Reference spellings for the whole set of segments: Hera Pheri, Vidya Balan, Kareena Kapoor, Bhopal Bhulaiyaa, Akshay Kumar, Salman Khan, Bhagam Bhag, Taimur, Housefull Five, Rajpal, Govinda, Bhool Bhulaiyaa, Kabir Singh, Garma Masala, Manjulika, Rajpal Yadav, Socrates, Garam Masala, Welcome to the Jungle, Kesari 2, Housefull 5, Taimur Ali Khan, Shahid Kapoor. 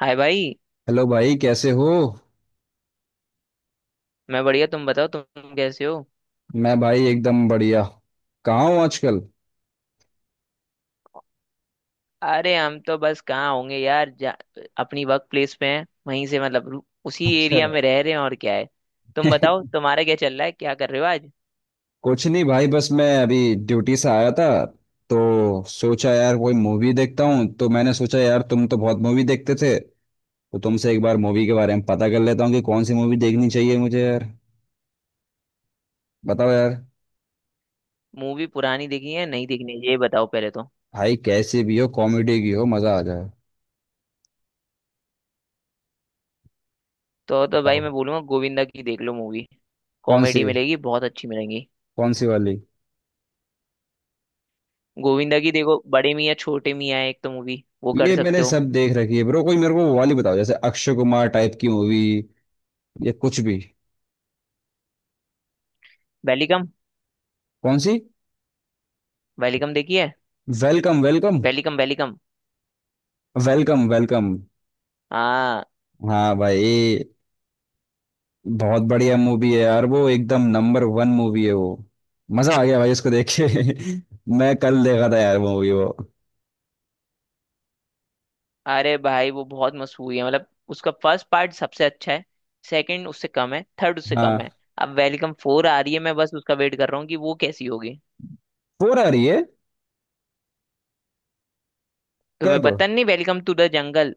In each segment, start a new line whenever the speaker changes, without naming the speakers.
हाय भाई।
हेलो भाई, कैसे हो।
मैं बढ़िया, तुम बताओ तुम कैसे हो।
मैं भाई एकदम बढ़िया। कहाँ हूँ आजकल।
अरे हम तो बस कहाँ होंगे यार, जा, अपनी वर्क प्लेस पे हैं, वहीं से मतलब उसी
अच्छा।
एरिया में रह रहे हैं, और क्या है। तुम बताओ, तुम्हारा क्या चल रहा है, क्या कर रहे हो आज।
कुछ नहीं भाई, बस मैं अभी ड्यूटी से आया था। तो सोचा यार कोई मूवी देखता हूँ, तो मैंने सोचा यार तुम तो बहुत मूवी देखते थे। तो तुमसे एक बार मूवी के बारे में पता कर लेता हूँ कि कौन सी मूवी देखनी चाहिए मुझे यार। बताओ यार।
मूवी पुरानी देखी है, नहीं देखनी है, ये बताओ पहले। तो
भाई कैसी भी हो, कॉमेडी की हो, मजा आ जाए।
तो भाई
बताओ।
मैं बोलूंगा, गोविंदा की देख लो मूवी।
कौन सी।
कॉमेडी मिलेगी, बहुत अच्छी मिलेंगी।
कौन सी वाली।
गोविंदा की देखो, बड़े मियाँ छोटे मियाँ है एक तो मूवी, वो कर
ये मैंने
सकते हो।
सब देख रखी है ब्रो, कोई मेरे को वो वाली बताओ जैसे अक्षय कुमार टाइप की मूवी या कुछ भी।
वेलिकम।
कौन सी।
वेलिकम देखी है।
Welcome welcome.
Welcome welcome.
Welcome welcome.
हाँ।
हाँ भाई। बहुत बढ़िया मूवी है यार, वो एकदम नंबर वन मूवी है वो। मजा आ गया भाई उसको देख के। मैं कल देखा था यार मूवी वो।
अरे भाई वो बहुत मशहूर है, मतलब उसका फर्स्ट पार्ट सबसे अच्छा है। सेकंड उससे कम है, थर्ड उससे कम
हाँ।
है। अब वेलकम फोर आ रही है, मैं बस उसका वेट कर रहा हूँ कि वो कैसी होगी।
फोर आ रही है।
तुम्हें
कब।
पता नहीं वेलकम टू द जंगल।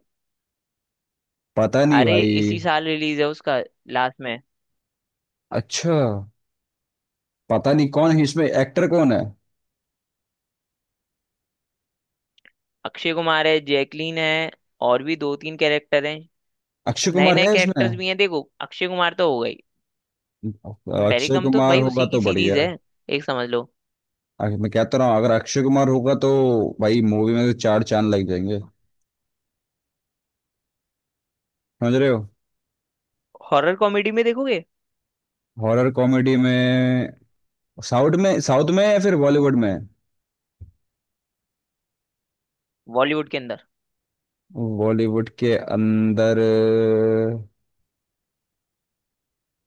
पता नहीं
अरे
भाई।
इसी साल रिलीज है उसका, लास्ट में।
अच्छा। पता नहीं कौन है इसमें, एक्टर कौन है।
अक्षय कुमार है, जैकलीन है, और भी दो तीन कैरेक्टर हैं।
अक्षय
नए
कुमार
नए
है इसमें।
कैरेक्टर्स भी हैं। देखो, अक्षय कुमार तो हो गई,
अक्षय
वेलकम तो
कुमार
भाई
होगा
उसी की
तो
सीरीज
बढ़िया
है।
है।
एक समझ लो।
अरे मैं कहता रहा हूँ अगर अक्षय कुमार होगा तो भाई, मूवी में तो चार चांद लग जाएंगे। समझ रहे हो।
हॉरर कॉमेडी में देखोगे?
हॉरर कॉमेडी में। साउथ में, साउथ में या फिर बॉलीवुड में।
बॉलीवुड के अंदर।
बॉलीवुड के अंदर।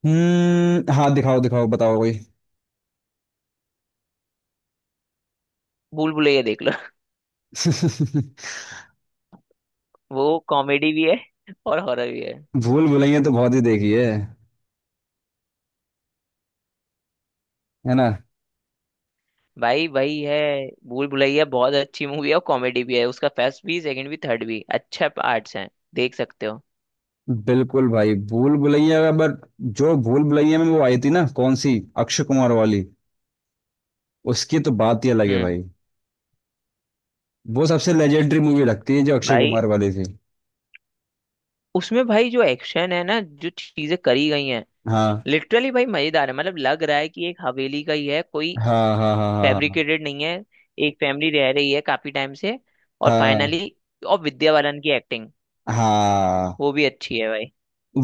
हम्म, हाँ दिखाओ दिखाओ, बताओ कोई।
भूल भुलैया देख लो। वो कॉमेडी भी है और हॉरर भी है।
भूल भुलैया तो बहुत ही देखी है। है ना।
भाई वही है। भूल भुलैया बहुत अच्छी मूवी है और कॉमेडी भी है, उसका फर्स्ट भी, सेकंड भी, थर्ड भी, अच्छा पार्ट्स हैं, देख सकते हो।
बिल्कुल भाई, भूल भुलैया का बट, जो भूल भुलैया में वो आई थी ना, कौन सी, अक्षय कुमार वाली, उसकी तो बात ही अलग है
हम्म।
भाई। वो सबसे लेजेंडरी मूवी लगती है जो अक्षय
भाई
कुमार वाली थी।
उसमें भाई, जो एक्शन है ना, जो चीजें करी गई हैं,
हाँ
लिटरली भाई मजेदार है, मतलब लग रहा है कि एक हवेली का ही है कोई,
हाँ हाँ, हाँ, हाँ,
फैब्रिकेटेड नहीं है। एक फैमिली रह रही है काफी टाइम से, और
हाँ।
फाइनली, और विद्या बालन की एक्टिंग,
हाँ, हाँ।
वो भी अच्छी है भाई।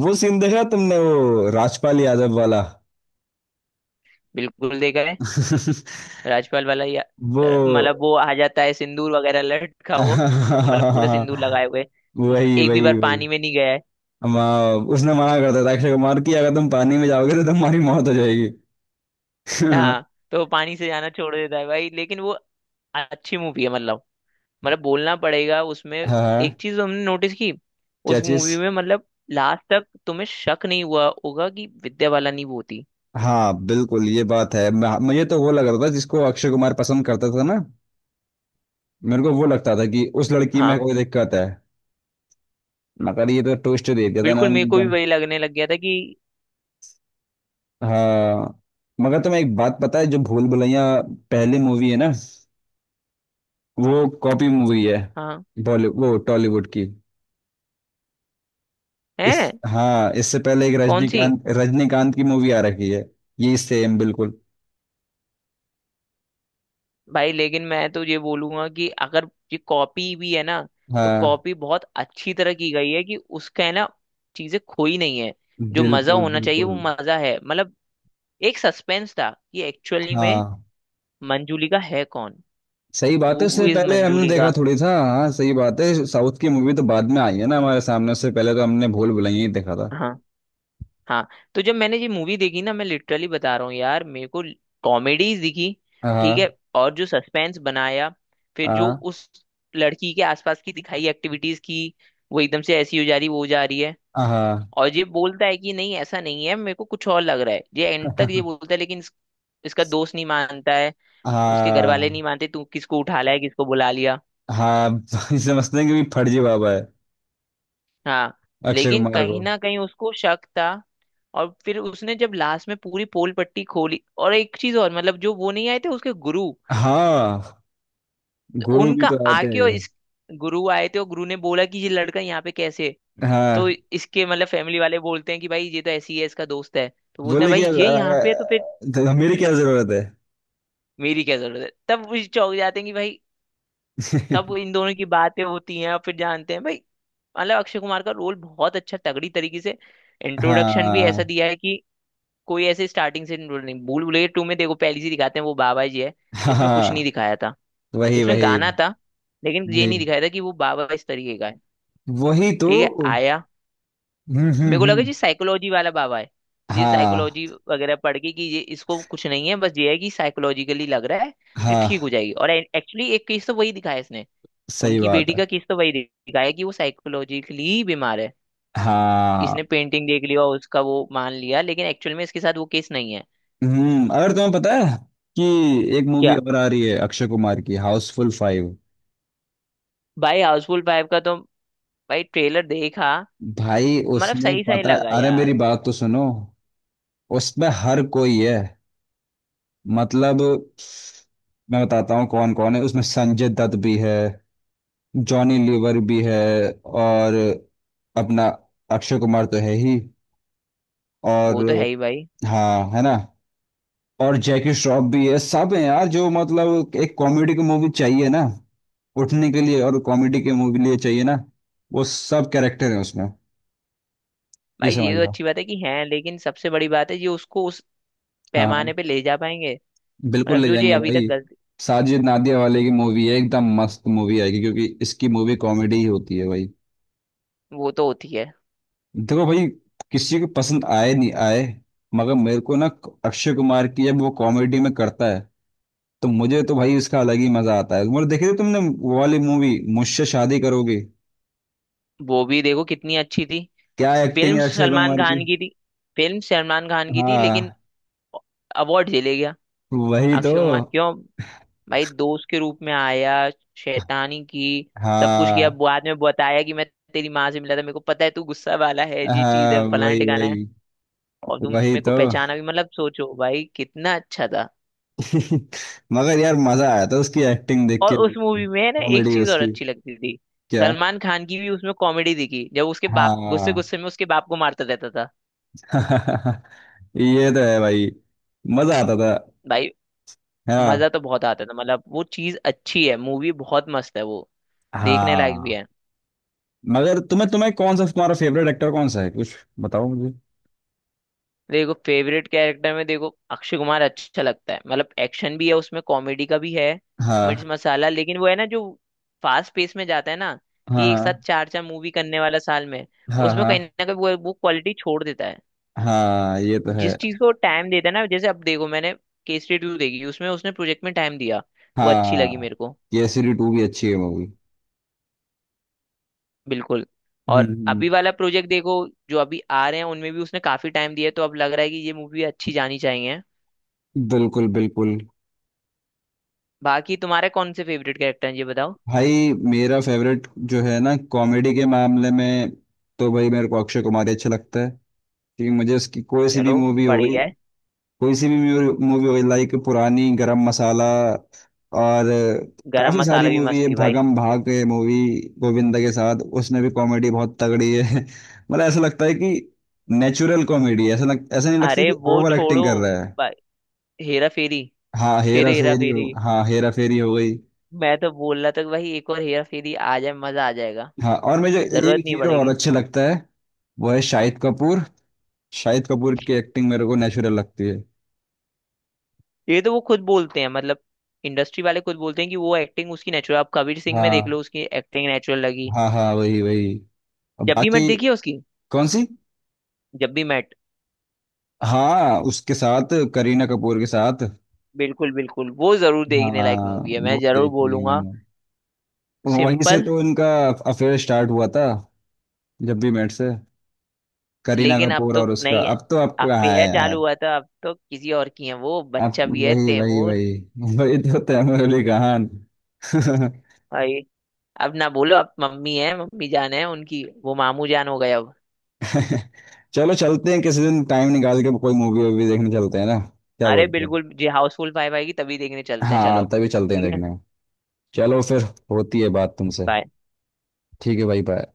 वो सीन देखा तुमने, वो राजपाल यादव वाला।
बिल्कुल देखा है। राजपाल वाला, या।
वो।
मतलब वो आ जाता है सिंदूर वगैरह लटका वो। मतलब पूरे सिंदूर लगाए हुए,
वही,
एक भी बार
वही, वही।
पानी में नहीं गया है।
उसने मना करता था अक्षय कुमार की अगर तुम पानी में जाओगे तो तुम्हारी मौत हो जाएगी।
हाँ, तो वो पानी से जाना छोड़ देता है भाई, लेकिन वो अच्छी मूवी है, मतलब, बोलना पड़ेगा उसमें।
हाँ।
एक चीज हमने नोटिस की।
क्या
उस
चीज।
मूवी में, मतलब लास्ट तक तुम्हें शक नहीं हुआ होगा कि विद्या बाला नहीं वो थी।
हाँ बिल्कुल, ये बात है, मुझे तो वो लग रहा था जिसको अक्षय कुमार पसंद करता था ना। मेरे को वो लगता था कि उस लड़की में
हाँ,
कोई दिक्कत है। मगर ये तो ट्विस्ट दे दिया था ना,
बिल्कुल मेरे को भी
एकदम।
वही लगने लग गया था कि,
हाँ। मगर तुम्हें एक बात पता है, जो भूल भुलैया पहली मूवी है ना, वो कॉपी मूवी है।
हाँ।
बॉलीवुड, वो टॉलीवुड की। इस
है।
हाँ, इससे पहले एक
कौन सी।
रजनीकांत रजनीकांत की मूवी आ रखी है। ये सेम बिल्कुल।
भाई लेकिन मैं तो ये बोलूंगा कि अगर ये कॉपी भी है ना, तो
हाँ,
कॉपी बहुत अच्छी तरह की गई है, कि उसका है ना, चीजें खोई नहीं है, जो मजा
बिल्कुल,
होना चाहिए
बिल्कुल।
वो मजा है, मतलब। एक सस्पेंस था कि एक्चुअली में
हाँ
मंजूलिका है कौन।
सही बात है,
हु
उससे
इज
पहले हमने देखा
मंजूलिका।
थोड़ी था। हाँ सही बात है, साउथ की मूवी तो बाद में आई है ना हमारे सामने, उससे पहले तो हमने भूल भुलैया ही देखा था।
हाँ। हाँ। तो जब मैंने ये मूवी देखी ना, मैं लिटरली बता रहा हूँ यार, मेरे को कॉमेडीज दिखी। ठीक है।
हाँ,
और जो सस्पेंस बनाया, फिर जो
हाँ,
उस लड़की के आसपास की दिखाई एक्टिविटीज की, वो एकदम से ऐसी हो जा रही, वो हो जा रही है।
हाँ।
और ये बोलता है कि नहीं ऐसा नहीं है, मेरे को कुछ और लग रहा है, ये एंड तक ये बोलता है, लेकिन इसका दोस्त नहीं मानता है। उसके घर वाले
हाँ,
नहीं मानते, तू किसको उठा लाया, किसको बुला लिया।
हाँ। समझते हैं कि भी फर्जी बाबा है,
हाँ।
अक्षय
लेकिन
कुमार
कहीं
को।
ना कहीं उसको शक था, और फिर उसने जब लास्ट में पूरी पोल पट्टी खोली, और एक चीज और, मतलब जो वो नहीं आए थे उसके गुरु,
हाँ, गुरु भी
उनका
तो आए थे।
आके और इस, गुरु आए थे, और गुरु ने बोला कि ये लड़का यहाँ पे कैसे है? तो
हाँ
इसके मतलब फैमिली वाले बोलते हैं कि भाई ये तो ऐसी है, इसका दोस्त है, तो बोलते हैं
बोले
भाई
कि अब,
ये यहाँ पे है, तो फिर
तो मेरी क्या जरूरत है।
मेरी क्या जरूरत है। तब वो चौंक जाते हैं कि भाई, तब वो इन दोनों की बातें होती हैं, और फिर जानते हैं भाई, मतलब अक्षय कुमार का रोल बहुत अच्छा, तगड़ी तरीके से इंट्रोडक्शन भी ऐसा
हाँ,
दिया है कि कोई ऐसे स्टार्टिंग से इंट्रोड नहीं। भूल भुलैया टू में देखो, पहली सी दिखाते हैं वो बाबा जी है। इसमें कुछ नहीं
हाँ,
दिखाया था,
वही,
इसमें
वही,
गाना था, लेकिन ये
वही।
नहीं दिखाया था कि वो बाबा इस तरीके का है।
वही तो।
ठीक है, आया।
हम्म,
मेरे
हम्म,
को लगा
हम्म।
जी साइकोलॉजी वाला बाबा है, ये
हाँ,
साइकोलॉजी वगैरह पढ़ के, कि ये इसको कुछ नहीं है, बस ये है कि साइकोलॉजिकली लग रहा है ये
हाँ
ठीक हो जाएगी। और एक्चुअली एक केस तो वही दिखाया इसने,
सही
उनकी
बात
बेटी
है।
का केस तो वही दिखाया कि वो साइकोलॉजिकली बीमार है। इसने
हाँ।
पेंटिंग देख लिया और उसका वो मान लिया, लेकिन एक्चुअल में इसके साथ वो केस नहीं है।
अगर तुम्हें पता है कि एक मूवी
क्या?
और आ रही है अक्षय कुमार की, हाउसफुल फाइव।
भाई हाउसफुल फाइव का तो, भाई ट्रेलर देखा,
भाई
मतलब
उसमें
सही सही
पता है,
लगा
अरे मेरी
यार।
बात तो सुनो। उसमें हर कोई है, मतलब मैं बताता हूँ कौन कौन है उसमें। संजय दत्त भी है, जॉनी लीवर भी है, और अपना अक्षय कुमार तो है ही, और
वो तो है ही भाई।
हाँ, है ना, और जैकी श्रॉफ भी है, सब है यार जो मतलब एक कॉमेडी की मूवी चाहिए ना उठने के लिए, और कॉमेडी की मूवी लिए चाहिए ना, वो सब कैरेक्टर है उसमें। ये
भाई ये
समझ
तो
लो।
अच्छी बात है कि हैं, लेकिन सबसे बड़ी बात है ये उसको उस
हाँ,
पैमाने पे ले जा पाएंगे।
बिल्कुल
मतलब
ले
जो ये
जाएंगे
अभी तक
भाई।
गलती।
साजिद नादिया वाले की मूवी है, एकदम मस्त मूवी आएगी क्योंकि इसकी मूवी कॉमेडी ही होती है भाई।
वो तो होती है।
देखो भाई, किसी को पसंद आए नहीं आए, मगर मेरे को ना, अक्षय कुमार की जब वो कॉमेडी में करता है, तो मुझे तो भाई उसका अलग ही मजा आता है। मतलब देखी थी तुमने वो वाली मूवी, मुझसे शादी करोगे।
वो भी देखो कितनी अच्छी थी।
क्या एक्टिंग
फिल्म
है अक्षय
सलमान
कुमार की।
खान की थी। फिल्म सलमान खान की थी, लेकिन
हाँ
अवार्ड ले गया
वही तो।
अक्षय कुमार, क्यों? भाई दोस्त के रूप में आया, शैतानी की, सब कुछ किया,
हाँ,
बाद में बताया कि मैं तेरी माँ से मिला था, मेरे को पता है तू गुस्सा वाला है, ये चीज
हाँ,
है, फलाना
वही,
ठिकाना है,
वही,
और तू
वही
मेरे को
तो।
पहचाना भी, मतलब सोचो भाई कितना अच्छा था।
मगर यार मजा आया था उसकी एक्टिंग देख
और
के।
उस मूवी में ना एक
कॉमेडी
चीज और
उसकी।
अच्छी लगती थी,
क्या।
सलमान खान की भी उसमें कॉमेडी दिखी, जब उसके बाप गुस्से
हाँ।
गुस्से में उसके बाप को मारता रहता था।
ये तो है भाई, मजा आता था।
भाई। मजा
हाँ,
तो बहुत आता था, मतलब वो चीज अच्छी है, मूवी बहुत मस्त है वो, देखने लायक भी
हाँ।
है।
मगर तुम्हें तुम्हें कौन सा, तुम्हारा फेवरेट एक्टर कौन सा है कुछ, बताओ मुझे।
देखो, फेवरेट कैरेक्टर में देखो अक्षय कुमार अच्छा लगता है, मतलब एक्शन भी है उसमें, कॉमेडी का भी है, मिर्च
हाँ,
मसाला, लेकिन वो है ना जो फास्ट पेस में जाता है ना, कि एक साथ
हाँ,
चार चार मूवी करने वाला साल में,
हाँ,
उसमें
हाँ।
कहीं ना कहीं वो क्वालिटी छोड़ देता है।
हाँ, ये तो है।
जिस चीज को टाइम देता है ना, जैसे अब देखो, मैंने केसरी टू देखी, उसमें उसने प्रोजेक्ट में टाइम दिया, वो अच्छी लगी
हाँ।
मेरे को।
केसरी टू भी अच्छी है मूवी।
बिल्कुल। और
हम्म।
अभी वाला प्रोजेक्ट देखो, जो अभी आ रहे हैं, उनमें भी उसने काफी टाइम दिया है, तो अब लग रहा है कि ये मूवी अच्छी जानी चाहिए।
बिल्कुल, बिल्कुल।
बाकी तुम्हारे कौन से फेवरेट कैरेक्टर हैं ये बताओ।
भाई मेरा फेवरेट जो है ना, कॉमेडी के मामले में, तो भाई मेरे को अक्षय कुमार ही अच्छा लगता है। क्योंकि मुझे उसकी कोई सी भी
चलो,
मूवी हो गई,
बढ़िया है।
कोई सी भी मूवी हो, लाइक पुरानी गरम मसाला, और
गरम
काफी
मसाला
सारी
भी
मूवी
मस्त
है,
थी भाई।
भागम भाग है मूवी गोविंदा के साथ, उसमें भी कॉमेडी बहुत तगड़ी है। मतलब ऐसा लगता है कि नेचुरल कॉमेडी है, ऐसा नहीं लगता
अरे
कि
वो
ओवर एक्टिंग
छोड़ो
कर रहा है।
भाई, हेरा फेरी।
हाँ
फिर
हेरा
हेरा
फेरी हो,
फेरी।
हाँ हेरा फेरी हो गई।
मैं तो बोल रहा था कि भाई एक और हेरा फेरी आ जाए, मजा आ जाएगा,
हाँ, और मुझे
जरूरत
एक
नहीं
हीरो और
पड़ेगी।
अच्छे लगता है, वो है शाहिद कपूर। शाहिद कपूर की एक्टिंग मेरे को नेचुरल लगती है।
ये तो वो खुद बोलते हैं, मतलब इंडस्ट्री वाले खुद बोलते हैं कि वो एक्टिंग उसकी नेचुरल, आप कबीर सिंह में देख
हाँ,
लो उसकी एक्टिंग नेचुरल लगी।
हाँ, हाँ, वही वही। और
जब भी मैट
बाकी।
देखी है उसकी।
कौन सी।
जब भी मैट,
हाँ, उसके साथ करीना कपूर के साथ।
बिल्कुल बिल्कुल, वो जरूर देखने लायक
हाँ।
मूवी है, मैं
वो
जरूर
देखी है
बोलूंगा।
मैंने। वहीं से
सिंपल।
तो इनका अफेयर स्टार्ट हुआ था, जब भी मेट से, करीना
लेकिन अब
कपूर,
तो
और उसका
नहीं है,
अब तो आपको कहाँ है
अफेयर चालू
यार।
हुआ था, अब तो किसी और की है, वो
अब।
बच्चा भी है
वही, वही,
तैमूर।
वही। वही तो, तैमूर अली खान।
भाई, अब ना बोलो, अब मम्मी है, मम्मी जान है उनकी, वो मामू जान हो गए अब।
चलो, चलते हैं किसी दिन टाइम निकाल के कोई मूवी वूवी देखने चलते हैं ना। क्या
अरे
बोलते हो।
बिल्कुल जी, हाउसफुल फाइव आएगी तभी देखने चलते हैं, चलो।
हाँ, तभी चलते हैं
ठीक है,
देखने। चलो फिर। होती है बात तुमसे।
बाय।
ठीक है भाई, बाय।